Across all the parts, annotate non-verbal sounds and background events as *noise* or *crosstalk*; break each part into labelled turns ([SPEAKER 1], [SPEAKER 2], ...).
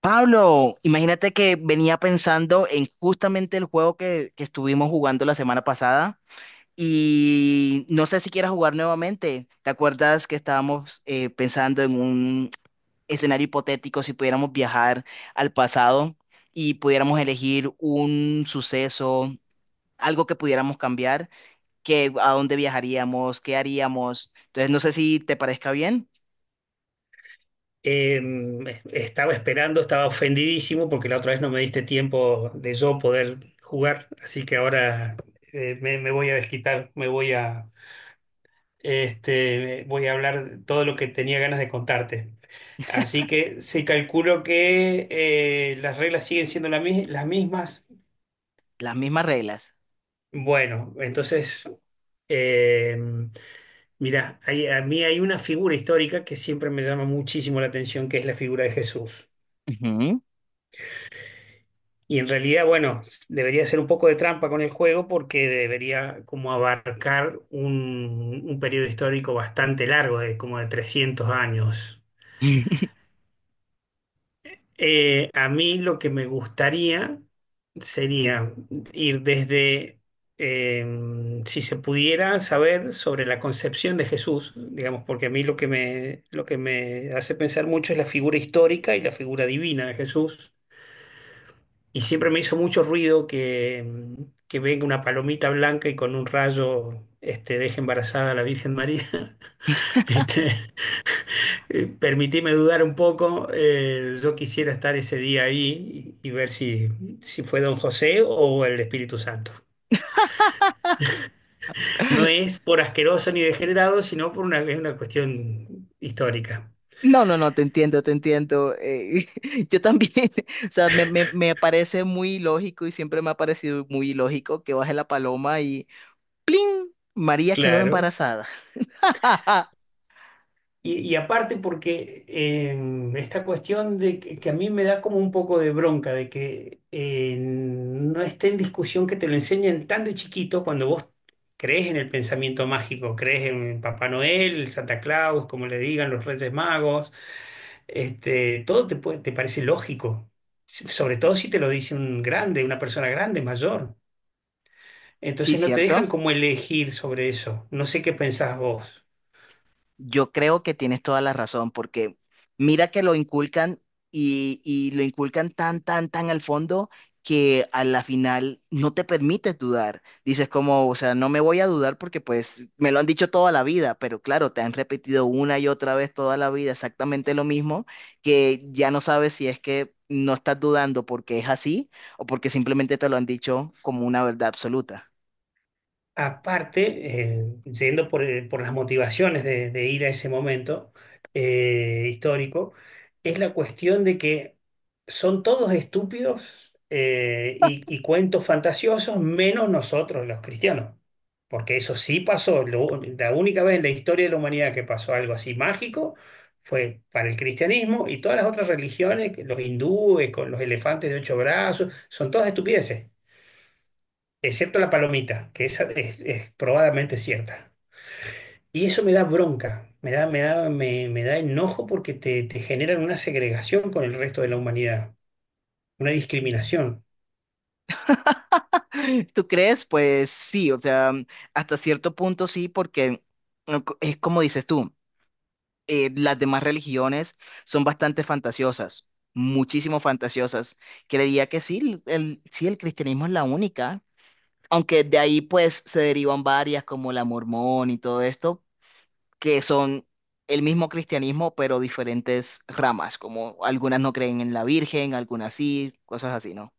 [SPEAKER 1] Pablo, imagínate que venía pensando en justamente el juego que estuvimos jugando la semana pasada y no sé si quieras jugar nuevamente. ¿Te acuerdas que estábamos pensando en un escenario hipotético si pudiéramos viajar al pasado y pudiéramos elegir un suceso, algo que pudiéramos cambiar? Qué, a dónde viajaríamos, qué haríamos. Entonces, no sé si te parezca bien.
[SPEAKER 2] Estaba esperando, estaba ofendidísimo porque la otra vez no me diste tiempo de yo poder jugar, así que ahora me voy a desquitar, me voy a, voy a hablar todo lo que tenía ganas de contarte. Así que se calculó que las reglas siguen siendo las mismas.
[SPEAKER 1] Las mismas reglas.
[SPEAKER 2] Bueno, entonces, eh, mira, a mí hay una figura histórica que siempre me llama muchísimo la atención, que es la figura de Jesús.
[SPEAKER 1] Ujú.
[SPEAKER 2] Y en realidad, bueno, debería ser un poco de trampa con el juego porque debería como abarcar un periodo histórico bastante largo, de como de 300 años.
[SPEAKER 1] *laughs*
[SPEAKER 2] A mí lo que me gustaría sería ir desde, si se pudiera saber sobre la concepción de Jesús, digamos, porque a mí lo que me hace pensar mucho es la figura histórica y la figura divina de Jesús. Y siempre me hizo mucho ruido que venga una palomita blanca y con un rayo este, deje embarazada a la Virgen María. *laughs* Este, permitime dudar un poco. Eh, yo quisiera estar ese día ahí y ver si fue Don José o el Espíritu Santo. No es por asqueroso ni degenerado, sino por una, es una cuestión histórica.
[SPEAKER 1] No, no, no, te entiendo, te entiendo. *laughs* Yo también, *laughs* o sea, me parece muy lógico y siempre me ha parecido muy lógico que baje la paloma y ¡plin!, María quedó
[SPEAKER 2] Claro.
[SPEAKER 1] embarazada. *laughs*
[SPEAKER 2] Y aparte porque esta cuestión que a mí me da como un poco de bronca, de que no esté en discusión que te lo enseñen tan de chiquito cuando vos crees en el pensamiento mágico, crees en Papá Noel, Santa Claus, como le digan, los Reyes Magos, te parece lógico, s sobre todo si te lo dice un grande, una persona grande, mayor.
[SPEAKER 1] Sí,
[SPEAKER 2] Entonces no te
[SPEAKER 1] ¿cierto?
[SPEAKER 2] dejan como elegir sobre eso. No sé qué pensás vos.
[SPEAKER 1] Yo creo que tienes toda la razón, porque mira que lo inculcan y lo inculcan tan al fondo que a la final no te permites dudar. Dices como, o sea, no me voy a dudar porque pues me lo han dicho toda la vida, pero claro, te han repetido una y otra vez toda la vida exactamente lo mismo, que ya no sabes si es que no estás dudando porque es así o porque simplemente te lo han dicho como una verdad absoluta.
[SPEAKER 2] Aparte, yendo por las motivaciones de ir a ese momento histórico, es la cuestión de que son todos estúpidos y cuentos fantasiosos, menos nosotros los cristianos. Porque eso sí pasó. La única vez en la historia de la humanidad que pasó algo así mágico fue para el cristianismo y todas las otras religiones, que los hindúes con los elefantes de 8 brazos, son todas estupideces excepto la palomita, que esa es probadamente cierta. Y eso me da bronca, me da enojo porque te generan una segregación con el resto de la humanidad, una discriminación.
[SPEAKER 1] *laughs* ¿Tú crees? Pues sí, o sea, mm, hasta cierto punto sí, porque no co- es como dices tú, las demás religiones son bastante fantasiosas, muchísimo fantasiosas. Creería que sí, sí, el cristianismo es la única, aunque de ahí pues se derivan varias como la mormón y todo esto, que son el mismo cristianismo, pero diferentes ramas, como algunas no creen en la Virgen, algunas sí, cosas así, ¿no?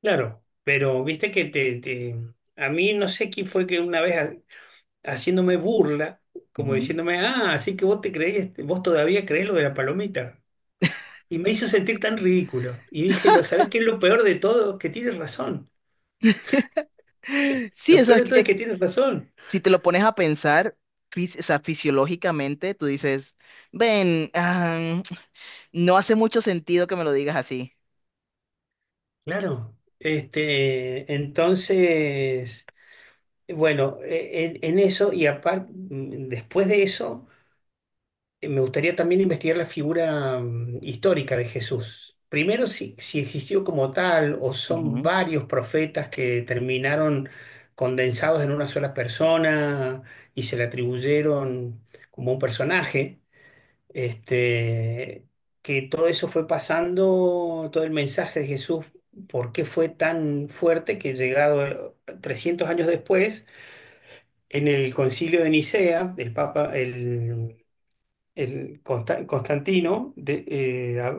[SPEAKER 2] Claro, pero viste a mí no sé quién fue que una vez haciéndome burla, como
[SPEAKER 1] Ujú.
[SPEAKER 2] diciéndome, ah, así que vos te creés, vos todavía creés lo de la palomita. Y me hizo sentir tan ridículo. Y dije, lo, ¿sabés qué es lo peor de todo? Que tienes razón.
[SPEAKER 1] Sí,
[SPEAKER 2] Lo
[SPEAKER 1] o sea,
[SPEAKER 2] peor de todo es
[SPEAKER 1] es,
[SPEAKER 2] que tienes razón.
[SPEAKER 1] si te lo pones a pensar, o sea, fisiológicamente, tú dices, ven, ah, *tsk* no hace mucho sentido que me lo digas así.
[SPEAKER 2] Claro, entonces, bueno, en eso y aparte, después de eso, me gustaría también investigar la figura histórica de Jesús. Primero, si existió como tal o son
[SPEAKER 1] Ujú.
[SPEAKER 2] varios profetas que terminaron condensados en una sola persona y se le atribuyeron como un personaje. Este, que todo eso fue pasando, todo el mensaje de Jesús, por qué fue tan fuerte que llegado 300 años después, en el concilio de Nicea, el Papa, el Constantino,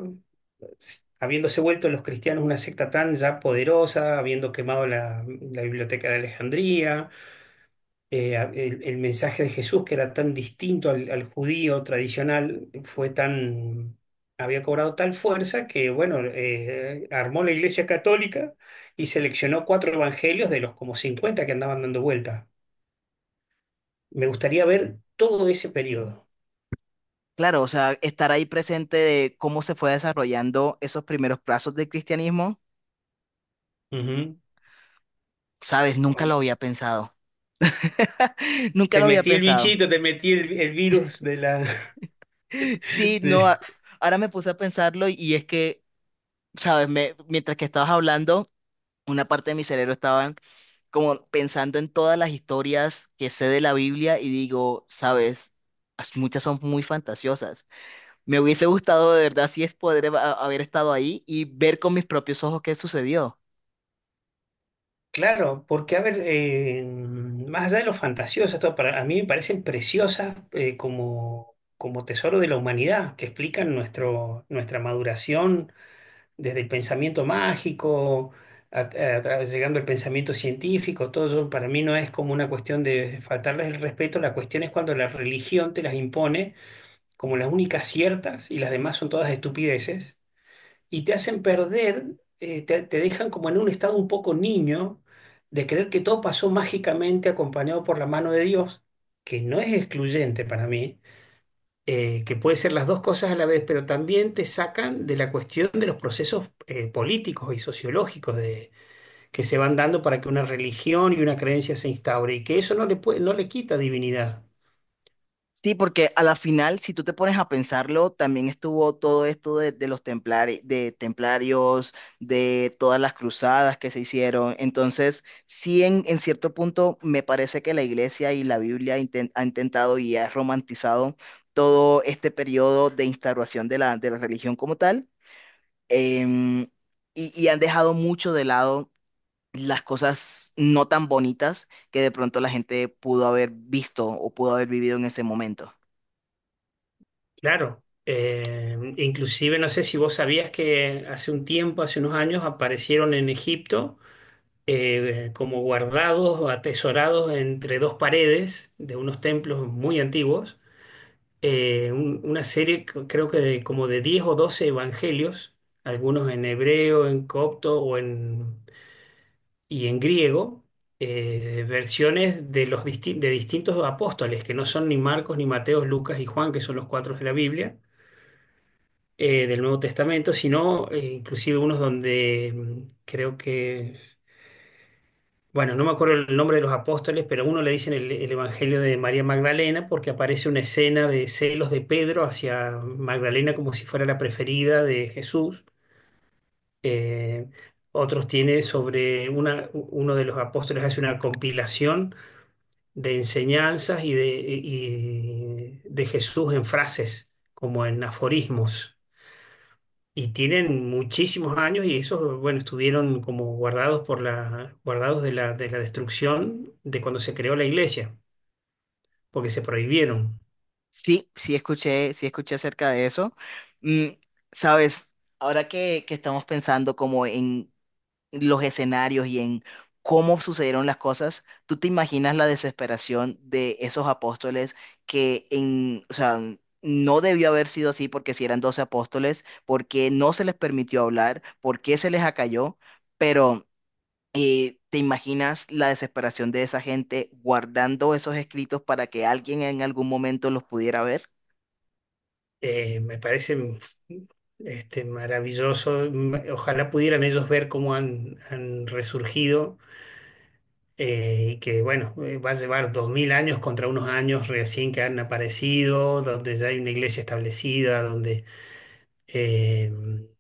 [SPEAKER 2] habiéndose vuelto los cristianos una secta tan ya poderosa, habiendo quemado la biblioteca de Alejandría, el mensaje de Jesús, que era tan distinto al judío tradicional, había cobrado tal fuerza que, bueno, armó la Iglesia Católica y seleccionó cuatro evangelios de los como 50 que andaban dando vuelta. Me gustaría ver todo ese periodo.
[SPEAKER 1] Claro, o sea, estar ahí presente de cómo se fue desarrollando esos primeros plazos del cristianismo,
[SPEAKER 2] Ujú.
[SPEAKER 1] sabes, nunca lo
[SPEAKER 2] Con-
[SPEAKER 1] había pensado. *laughs* Nunca
[SPEAKER 2] Te
[SPEAKER 1] lo había
[SPEAKER 2] metí el
[SPEAKER 1] pensado.
[SPEAKER 2] bichito, te metí el virus de la…
[SPEAKER 1] Sí,
[SPEAKER 2] *laughs*
[SPEAKER 1] no,
[SPEAKER 2] de-.
[SPEAKER 1] ahora me puse a pensarlo y es que, sabes, me, mientras que estabas hablando, una parte de mi cerebro estaba como pensando en todas las historias que sé de la Biblia y digo, sabes, muchas son muy fantasiosas. Me hubiese gustado de verdad si es poder haber estado ahí y ver con mis propios ojos qué sucedió.
[SPEAKER 2] Claro, porque a ver, más allá de lo fantasioso, esto para, a mí me parecen preciosas como, como tesoro de la humanidad, que explican nuestro, nuestra maduración desde el pensamiento mágico, llegando al pensamiento científico, todo eso para mí no es como una cuestión de faltarles el respeto, la cuestión es cuando la religión te las impone como las únicas ciertas y las demás son todas estupideces y te hacen perder, te dejan como en un estado un poco niño de creer que todo pasó mágicamente acompañado por la mano de Dios, que no es excluyente para mí, que puede ser las dos cosas a la vez, pero también te sacan de la cuestión de los procesos políticos y sociológicos de, que se van dando para que una religión y una creencia se instaure y que eso no le puede, no le quita divinidad.
[SPEAKER 1] Sí, porque a la final, si tú te pones a pensarlo, también estuvo todo esto de los de templarios, de todas las cruzadas que se hicieron. Entonces, sí, en cierto punto, me parece que la iglesia y la Biblia ha intentado y ha romantizado todo este periodo de instauración de de la religión como tal. em, y han dejado mucho de lado las cosas no tan bonitas que de pronto la gente pudo haber visto o pudo haber vivido en ese momento.
[SPEAKER 2] Claro. Inclusive no sé si vos sabías que hace un tiempo, hace unos años, aparecieron en Egipto como guardados o atesorados entre dos paredes de unos templos muy antiguos, una serie creo que de, como de 10 o 12 evangelios, algunos en hebreo, en copto y en griego, versiones de, de distintos apóstoles, que no son ni Marcos, ni Mateos, Lucas y Juan, que son los cuatro de la Biblia, del Nuevo Testamento, sino inclusive unos donde creo que, bueno, no me acuerdo el nombre de los apóstoles, pero a uno le dicen el Evangelio de María Magdalena porque aparece una escena de celos de Pedro hacia Magdalena como si fuera la preferida de Jesús. Eh, otros tiene sobre una, uno de los apóstoles hace una compilación de enseñanzas y de Jesús en frases, como en aforismos. Y tienen muchísimos años y esos, bueno, estuvieron como guardados por la, guardados de la destrucción de cuando se creó la iglesia, porque se prohibieron.
[SPEAKER 1] Sí, sí escuché acerca de eso. Mm, sabes, ahora que estamos pensando como en los escenarios y en cómo sucedieron las cosas, ¿tú te imaginas la desesperación de esos apóstoles que en, o sea, no debió haber sido así porque si eran 12 apóstoles, porque no se les permitió hablar, porque se les acalló, pero ¿te imaginas la desesperación de esa gente guardando esos escritos para que alguien en algún momento los pudiera ver?
[SPEAKER 2] Me parece maravilloso. M- Ojalá pudieran ellos ver cómo han resurgido y que, bueno, va a llevar 2000 años contra unos años recién que han aparecido, donde ya hay una iglesia establecida, donde… Eh,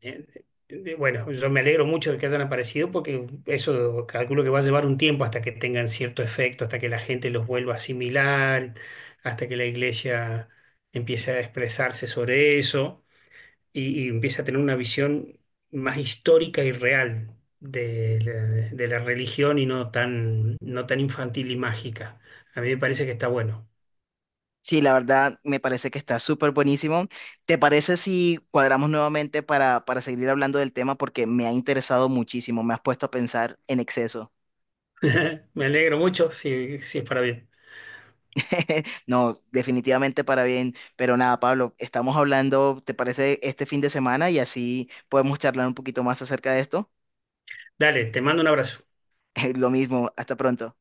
[SPEAKER 2] eh, bueno, yo me alegro mucho de que hayan aparecido porque eso calculo que va a llevar un tiempo hasta que tengan cierto efecto, hasta que la gente los vuelva a asimilar, hasta que la iglesia empiece a expresarse sobre eso y empiece a tener una visión más histórica y real de la religión y no tan, no tan infantil y mágica. A mí me parece que está bueno.
[SPEAKER 1] Sí, la verdad me parece que está súper buenísimo. ¿Te parece si cuadramos nuevamente para seguir hablando del tema? Porque me ha interesado muchísimo, me has puesto a pensar en exceso.
[SPEAKER 2] *laughs* Me alegro mucho si es para bien.
[SPEAKER 1] *laughs* No, definitivamente para bien, pero nada, Pablo, estamos hablando, ¿te parece este fin de semana? Y así podemos charlar un poquito más acerca de esto.
[SPEAKER 2] Dale, te mando un abrazo.
[SPEAKER 1] *laughs* Lo mismo, hasta pronto.